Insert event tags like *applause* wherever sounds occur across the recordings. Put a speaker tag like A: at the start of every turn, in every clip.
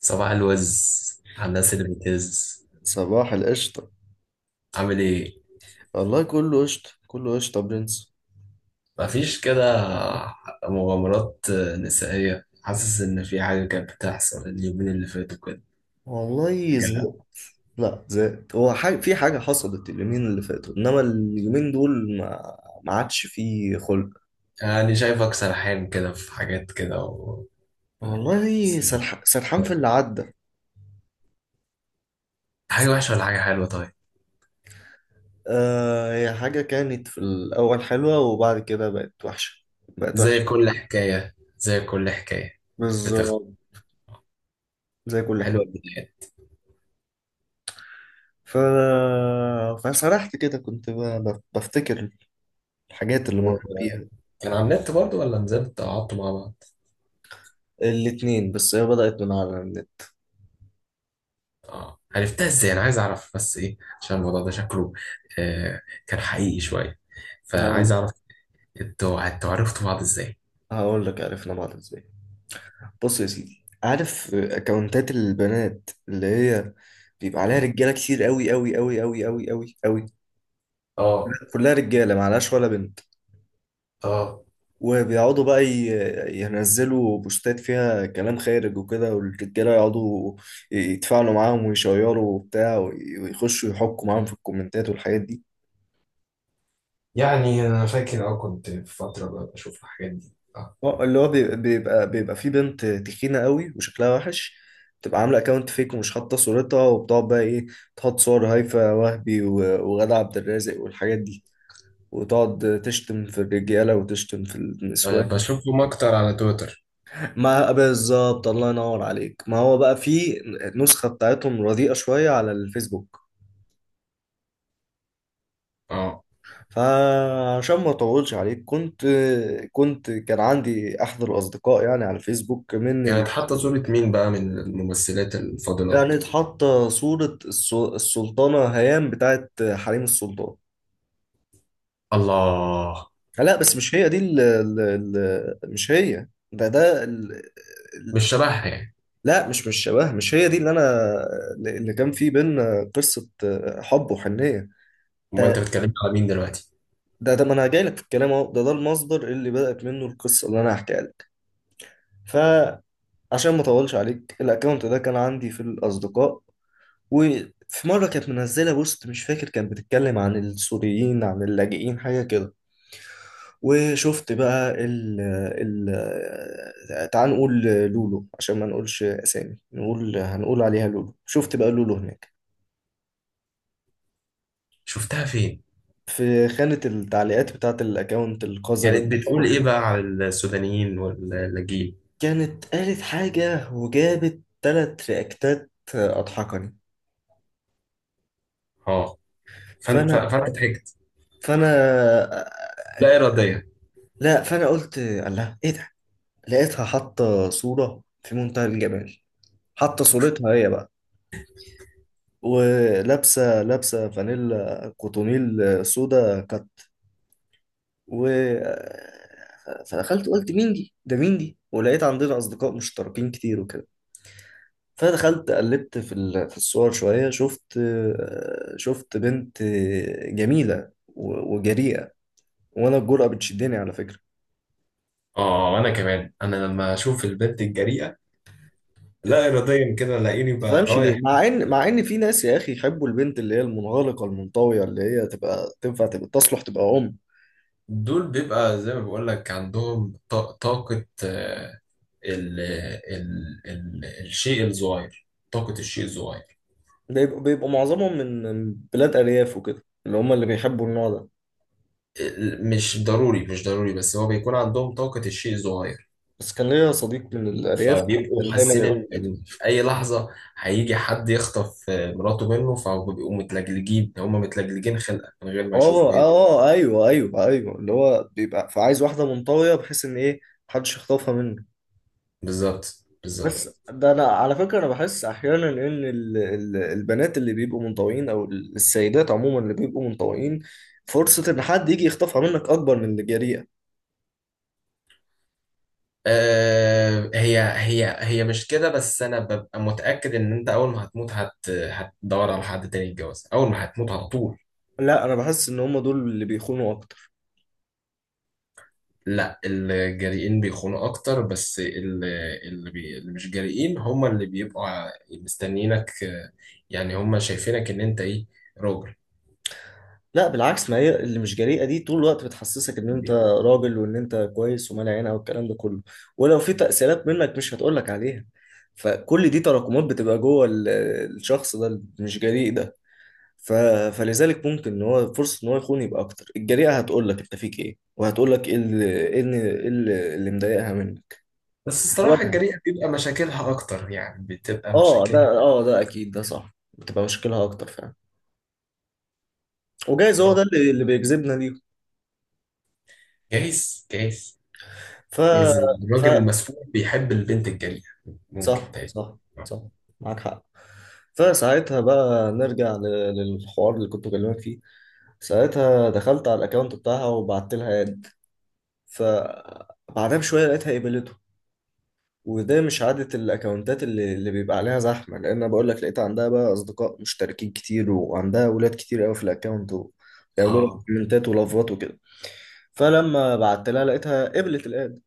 A: صباح الوز على الناس اللي بتهز.
B: صباح القشطة.
A: عامل ايه؟
B: والله كله قشطة كله قشطة يا برنس.
A: مفيش كده مغامرات نسائية؟ حاسس ان في حاجة كانت بتحصل اليومين اللي فاتوا كده.
B: والله زهقت.
A: حاجة-
B: لا زهقت، هو حاجة في حاجة حصلت اليومين اللي فاتوا، إنما اليومين دول ما عادش فيه خلق.
A: يعني شايفك سرحان كده في حاجات كده
B: والله سرحان في اللي عدى.
A: حاجة وحشة ولا حاجة حلوة؟ طيب.
B: آه، هي حاجة كانت في الأول حلوة وبعد كده بقت وحشة. بقت
A: زي
B: وحشة.
A: كل حكاية، زي كل حكاية بتخ،
B: بالظبط. زي كل
A: حلوة
B: حاجة.
A: البداية.
B: ف... فسرحت كده، كنت بفتكر الحاجات اللي مريت بيها.
A: كان على النت برضه ولا نزلت قعدتوا مع بعض؟
B: الاتنين، بس هي بدأت من على
A: اه، عرفتها ازاي؟ انا عايز اعرف بس ايه، عشان الموضوع ده شكله آه كان حقيقي شوية، فعايز
B: النت.
A: اعرف انتوا عرفتوا بعض ازاي؟
B: هقول لك عرفنا بعض ازاي. بص يا سيدي، عارف اكونتات البنات اللي هي بيبقى عليها رجاله كتير قوي قوي قوي قوي قوي قوي قوي،
A: اه
B: كلها رجاله، ما عليهاش ولا بنت،
A: اه.
B: وبيقعدوا بقى ينزلوا بوستات فيها كلام خارج وكده، والرجاله يقعدوا يتفاعلوا معاهم ويشيروا وبتاع، ويخشوا يحكوا معاهم في الكومنتات والحاجات دي.
A: يعني انا فاكر، اه، كنت في فترة بقى بشوف الحاجات دي. اه،
B: اللي هو بيبقى في بنت تخينة قوي وشكلها وحش، بتبقى عاملة اكونت فيك ومش حاطة صورتها، وبتقعد بقى ايه، تحط صور هيفاء وهبي وغادة عبد الرازق والحاجات دي، وتقعد تشتم في الرجالة وتشتم في
A: ب-
B: النسوان.
A: بشوفهم اكتر على تويتر.
B: *laughs* ما بالظبط، الله ينور عليك، ما هو بقى في نسخة بتاعتهم رديئة شوية على الفيسبوك.
A: اه.
B: فعشان ما اطولش عليك، كنت كان عندي احد الاصدقاء يعني على الفيسبوك، من
A: كانت حاطة صورة مين بقى من الممثلات الفاضلات؟
B: كانت حاطة صورة السلطانة هيام بتاعت حريم السلطان.
A: الله.
B: لا بس مش هي دي ال ال ال مش هي ده ده ال
A: مش
B: ال
A: شبهها يعني؟
B: لا مش شبه، مش هي دي اللي انا، اللي كان في بينا قصة حب وحنية.
A: امال انت
B: ده
A: بتتكلم على مين دلوقتي؟
B: ده ما انا جاي لك في الكلام اهو، ده المصدر اللي بدأت منه القصة اللي انا هحكيها لك. فعشان ما اطولش عليك، الاكونت ده كان عندي في الاصدقاء، وفي مرة كانت منزلة بوست، مش فاكر كانت بتتكلم عن السوريين عن اللاجئين، حاجة كده. وشفت بقى ال ال تعال نقول لولو عشان ما نقولش أسامي، نقول، هنقول عليها لولو. شفت بقى لولو هناك
A: شفتها فين؟
B: في خانة التعليقات بتاعة الأكاونت القذر اللي
A: كانت بتقول
B: بتفرج
A: ايه بقى
B: عليه.
A: على السودانيين واللاجئين؟
B: كانت قالت حاجة وجابت تلات رياكتات أضحكني.
A: اه. فانت
B: فأنا
A: فانت ضحكت
B: فأنا
A: لا إراديا.
B: لا، فأنا قلت الله إيه ده. لقيتها حاطة صورة في منتهى الجمال، حاطة صورتها هي بقى، ولابسه فانيلا كوتونيل سودا كات. و فدخلت قلت مين دي، ده مين دي، ولقيت عندنا اصدقاء مشتركين كتير وكده. فدخلت قلبت في في الصور شويه، شفت بنت جميله وجريئه. وانا الجرأة بتشدني على فكره،
A: اه، انا كمان انا لما اشوف البنت الجريئه لا إراديا كده لاقيني
B: ما
A: بقى
B: تفهمش ليه،
A: رايح.
B: مع ان في ناس يا اخي يحبوا البنت اللي هي المنغلقه المنطويه، اللي هي تبقى تنفع تبقى تصلح تبقى ام.
A: دول بيبقى زي ما بقول لك عندهم طاقه، آه، ال الشيء الصغير، طاقه الشيء الصغير.
B: بيبقوا معظمهم من بلاد أرياف وكده، اللي هم اللي بيحبوا النوع ده.
A: مش ضروري، مش ضروري، بس هو بيكون عندهم طاقه الشيء الصغير.
B: بس كان ليا صديق من الأرياف كان
A: فبيبقوا
B: دايما
A: حاسين
B: يقول
A: ان
B: كده.
A: إن في اي لحظه هيجي حد يخطف، آه، مراته منه، فبيبقوا متلجلجين، هم متلجلجين خلقه من غير ما
B: اه
A: يشوفوا اي.
B: اه، ايوه ايوه ايوه، اللي هو بيبقى فعايز واحدة منطوية بحيث ان ايه، محدش يخطفها منه.
A: بالظبط بالظبط.
B: بس ده انا على فكرة انا بحس احيانا ان البنات اللي بيبقوا منطويين، او السيدات عموما اللي بيبقوا منطويين، فرصة ان حد يجي يخطفها منك اكبر من اللي جريئة.
A: آه، هي مش كده، بس انا ببقى متاكد ان انت اول ما هتموت هتدور على حد تاني يتجوز اول ما هتموت على طول.
B: لا، انا بحس ان هم دول اللي بيخونوا اكتر.
A: لا، الجريئين بيخونوا اكتر، بس اللي مش جريئين هم اللي بيبقوا مستنيينك، آه، يعني هم شايفينك ان انت ايه، راجل.
B: لا بالعكس، ما هي اللي مش جريئه دي طول الوقت بتحسسك ان انت راجل وان انت كويس ومال عينها والكلام ده كله، ولو في تاثيرات منك مش هتقولك عليها، فكل دي تراكمات بتبقى جوه الشخص ده اللي مش جريء ده. ف... فلذلك ممكن ان هو فرصه ان هو يخون يبقى اكتر. الجريئه هتقولك انت فيك ايه، وهتقولك ايه اللي ايه اللي إيه اللي مضايقها منك،
A: بس الصراحه
B: هتواجهك.
A: الجريئه بيبقى مشاكلها اكتر، يعني بتبقى
B: اه ده،
A: مشاكلها
B: اه ده اكيد، ده صح. بتبقى مشكلها اكتر فعلا، وجايز هو
A: أكبر.
B: ده اللي بيجذبنا ليه.
A: جايز جايز.
B: ف...
A: جايز الراجل
B: ف...
A: المسؤول بيحب البنت الجريئه. ممكن
B: صح
A: تاني؟
B: صح صح، معاك حق. فساعتها بقى نرجع للحوار اللي كنت بكلمك فيه. ساعتها دخلت على الاكونت بتاعها وبعت لها اد. فبعدها بشويه لقيتها قبلته، وده مش عادة الاكونتات اللي بيبقى عليها زحمه، لان أنا بقول لك لقيت عندها بقى اصدقاء مشتركين كتير، وعندها ولاد كتير قوي في الاكونت وبيعملوا لها
A: اه.
B: كومنتات ولافات وكده. فلما بعت لها لقيتها قبلت الاد.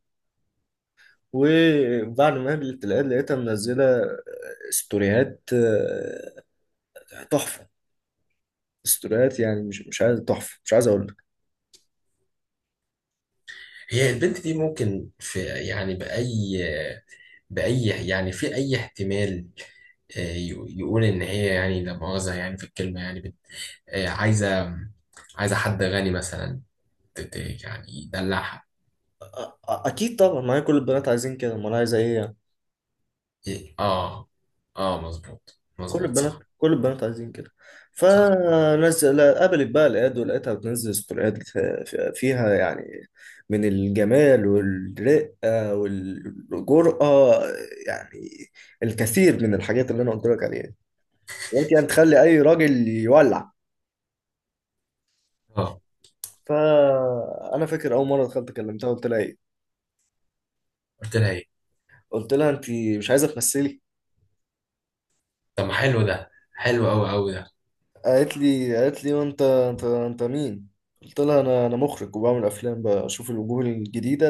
B: وبعد ما قابلت العيال لقيتها منزلة ستوريات تحفة. ستوريات يعني مش عايز، تحفة، مش عايز أقول لك.
A: هي البنت دي ممكن في يعني بأي يعني في أي احتمال، آه، يقول إن هي يعني، لا مؤاخذة، يعني في الكلمة يعني آه، عايزة، عايزة حد غني مثلا يعني يدلعها؟
B: أكيد طبعا، ما هي كل البنات عايزين كده، أمال عايزة إيه يعني.
A: إيه، آه. آه، مظبوط مظبوط، صح
B: كل البنات عايزين كده.
A: صح.
B: فنزل قابلت بقى العيال، ولقيتها بتنزل ستوريات فيها يعني من الجمال والرقة والجرأة، يعني الكثير من الحاجات اللي أنا قلت لك عليها، ممكن يعني تخلي أي راجل يولع.
A: آه،
B: فانا فاكر اول مره دخلت كلمتها قلت لها ايه.
A: قلت لها إيه؟
B: قلت لها انت مش عايزه تمثلي.
A: طب ما حلو ده، حلو أوي أوي ده.
B: قالت لي، وانت انت مين؟ قلت لها انا مخرج وبعمل افلام، بشوف الوجوه الجديده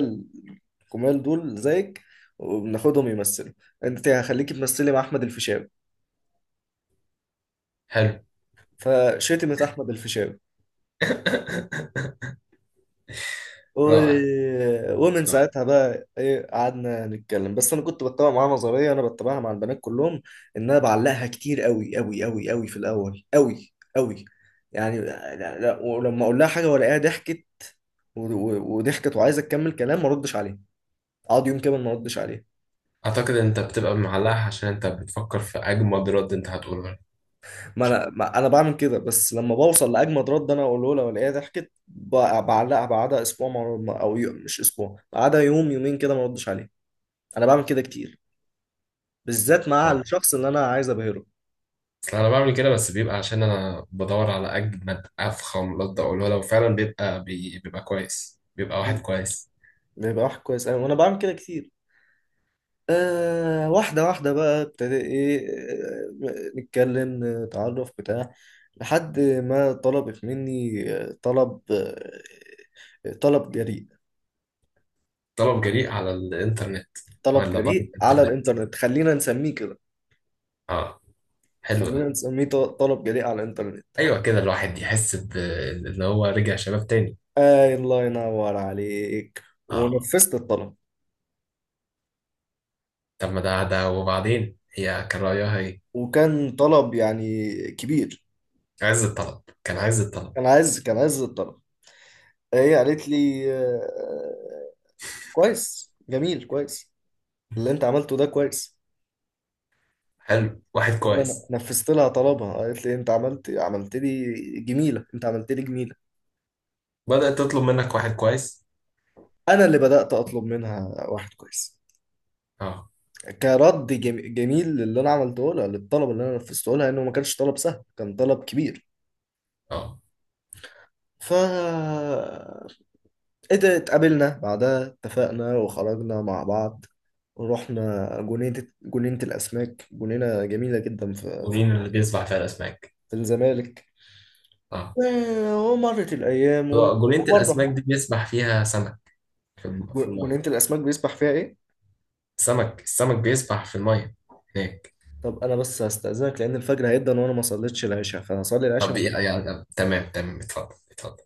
B: الجمال دول زيك، وبناخدهم يمثلوا، انت هخليكي تمثلي مع احمد الفيشاوي.
A: حلو.
B: فشتمت احمد الفيشاوي.
A: *laughs*
B: و...
A: رائع.
B: ومن
A: رائع.
B: ساعتها بقى ايه قعدنا نتكلم. بس انا كنت بتابع معاها نظريه انا بتابعها مع البنات كلهم، ان انا بعلقها كتير قوي قوي قوي قوي في الاول قوي قوي، يعني لا لا. ولما اقول لها حاجه والاقيها ضحكت وضحكت وعايزه تكمل كلام، ما اردش عليها. اقعد يوم كامل ما اردش عليها.
A: أعتقد إن أنت بتبقى معلقها عشان أنت بتفكر في أجمد رد أنت هتقوله. إن شاء الله.
B: ما انا بعمل كده، بس لما بوصل لاجمد رد انا اقوله لها والاقيها ضحكت بعلقها بعدها اسبوع، او يوم مش اسبوع، بعدها يوم يومين كده ما اردش عليها. انا بعمل كده كتير، بالذات مع
A: آه.
B: الشخص اللي انا عايز ابهره.
A: اصل انا بعمل كده، بس بيبقى عشان انا بدور على اجمد افخم رد اقوله، لو فعلا بيبقى بيبقى كويس، بيبقى واحد
B: مم.
A: كويس.
B: بيبقى واحد كويس أوي، وأنا بعمل كده كتير. آه، واحدة واحدة بقى ابتدى إيه، آه، نتكلم نتعرف بتاع، لحد ما طلبت مني طلب جريء.
A: طلب جريء على الانترنت
B: طلب
A: ولا بره
B: جريء على
A: الانترنت؟
B: الإنترنت، خلينا نسميه كده.
A: اه. حلو
B: خلينا
A: ده.
B: نسميه طلب جريء على الإنترنت.
A: ايوه كده الواحد يحس ان هو رجع شباب تاني.
B: آه، الله ينور عليك،
A: اه.
B: ونفذت الطلب.
A: طب ما ده ده، وبعدين هي كان رايها ايه؟
B: وكان طلب يعني كبير.
A: عز الطلب، كان عز الطلب.
B: كان عايز الطلب. هي قالت لي كويس جميل كويس، اللي انت عملته ده كويس.
A: حلو، واحد
B: انا
A: كويس.
B: نفذت لها طلبها، قالت لي انت عملت لي جميله، انت عملت لي جميله.
A: بدأت تطلب منك واحد كويس؟
B: انا اللي بدات اطلب منها واحد كويس،
A: اه
B: كرد جميل للي انا عملته لها، للطلب اللي انا نفذته لها، انه ما كانش طلب سهل، كان طلب كبير.
A: اه.
B: ف اتقابلنا بعدها، اتفقنا وخرجنا مع بعض. ورحنا جنينة، الأسماك، جنينة جميلة جدا في
A: جونين اللي بيسبح فيها الاسماك؟
B: الزمالك.
A: اه.
B: ومرت الأيام
A: جنينة
B: وبرضه.
A: الاسماك دي بيسبح فيها سمك في في المية؟
B: جنينة الأسماك بيسبح فيها إيه؟
A: السمك بيسبح في المية هناك.
B: طب أنا بس هستأذنك لأن الفجر هيبدأ وأنا ما صليتش العشاء، فهصلي
A: طب
B: العشاء.
A: يعني تمام تمام، اتفضل اتفضل.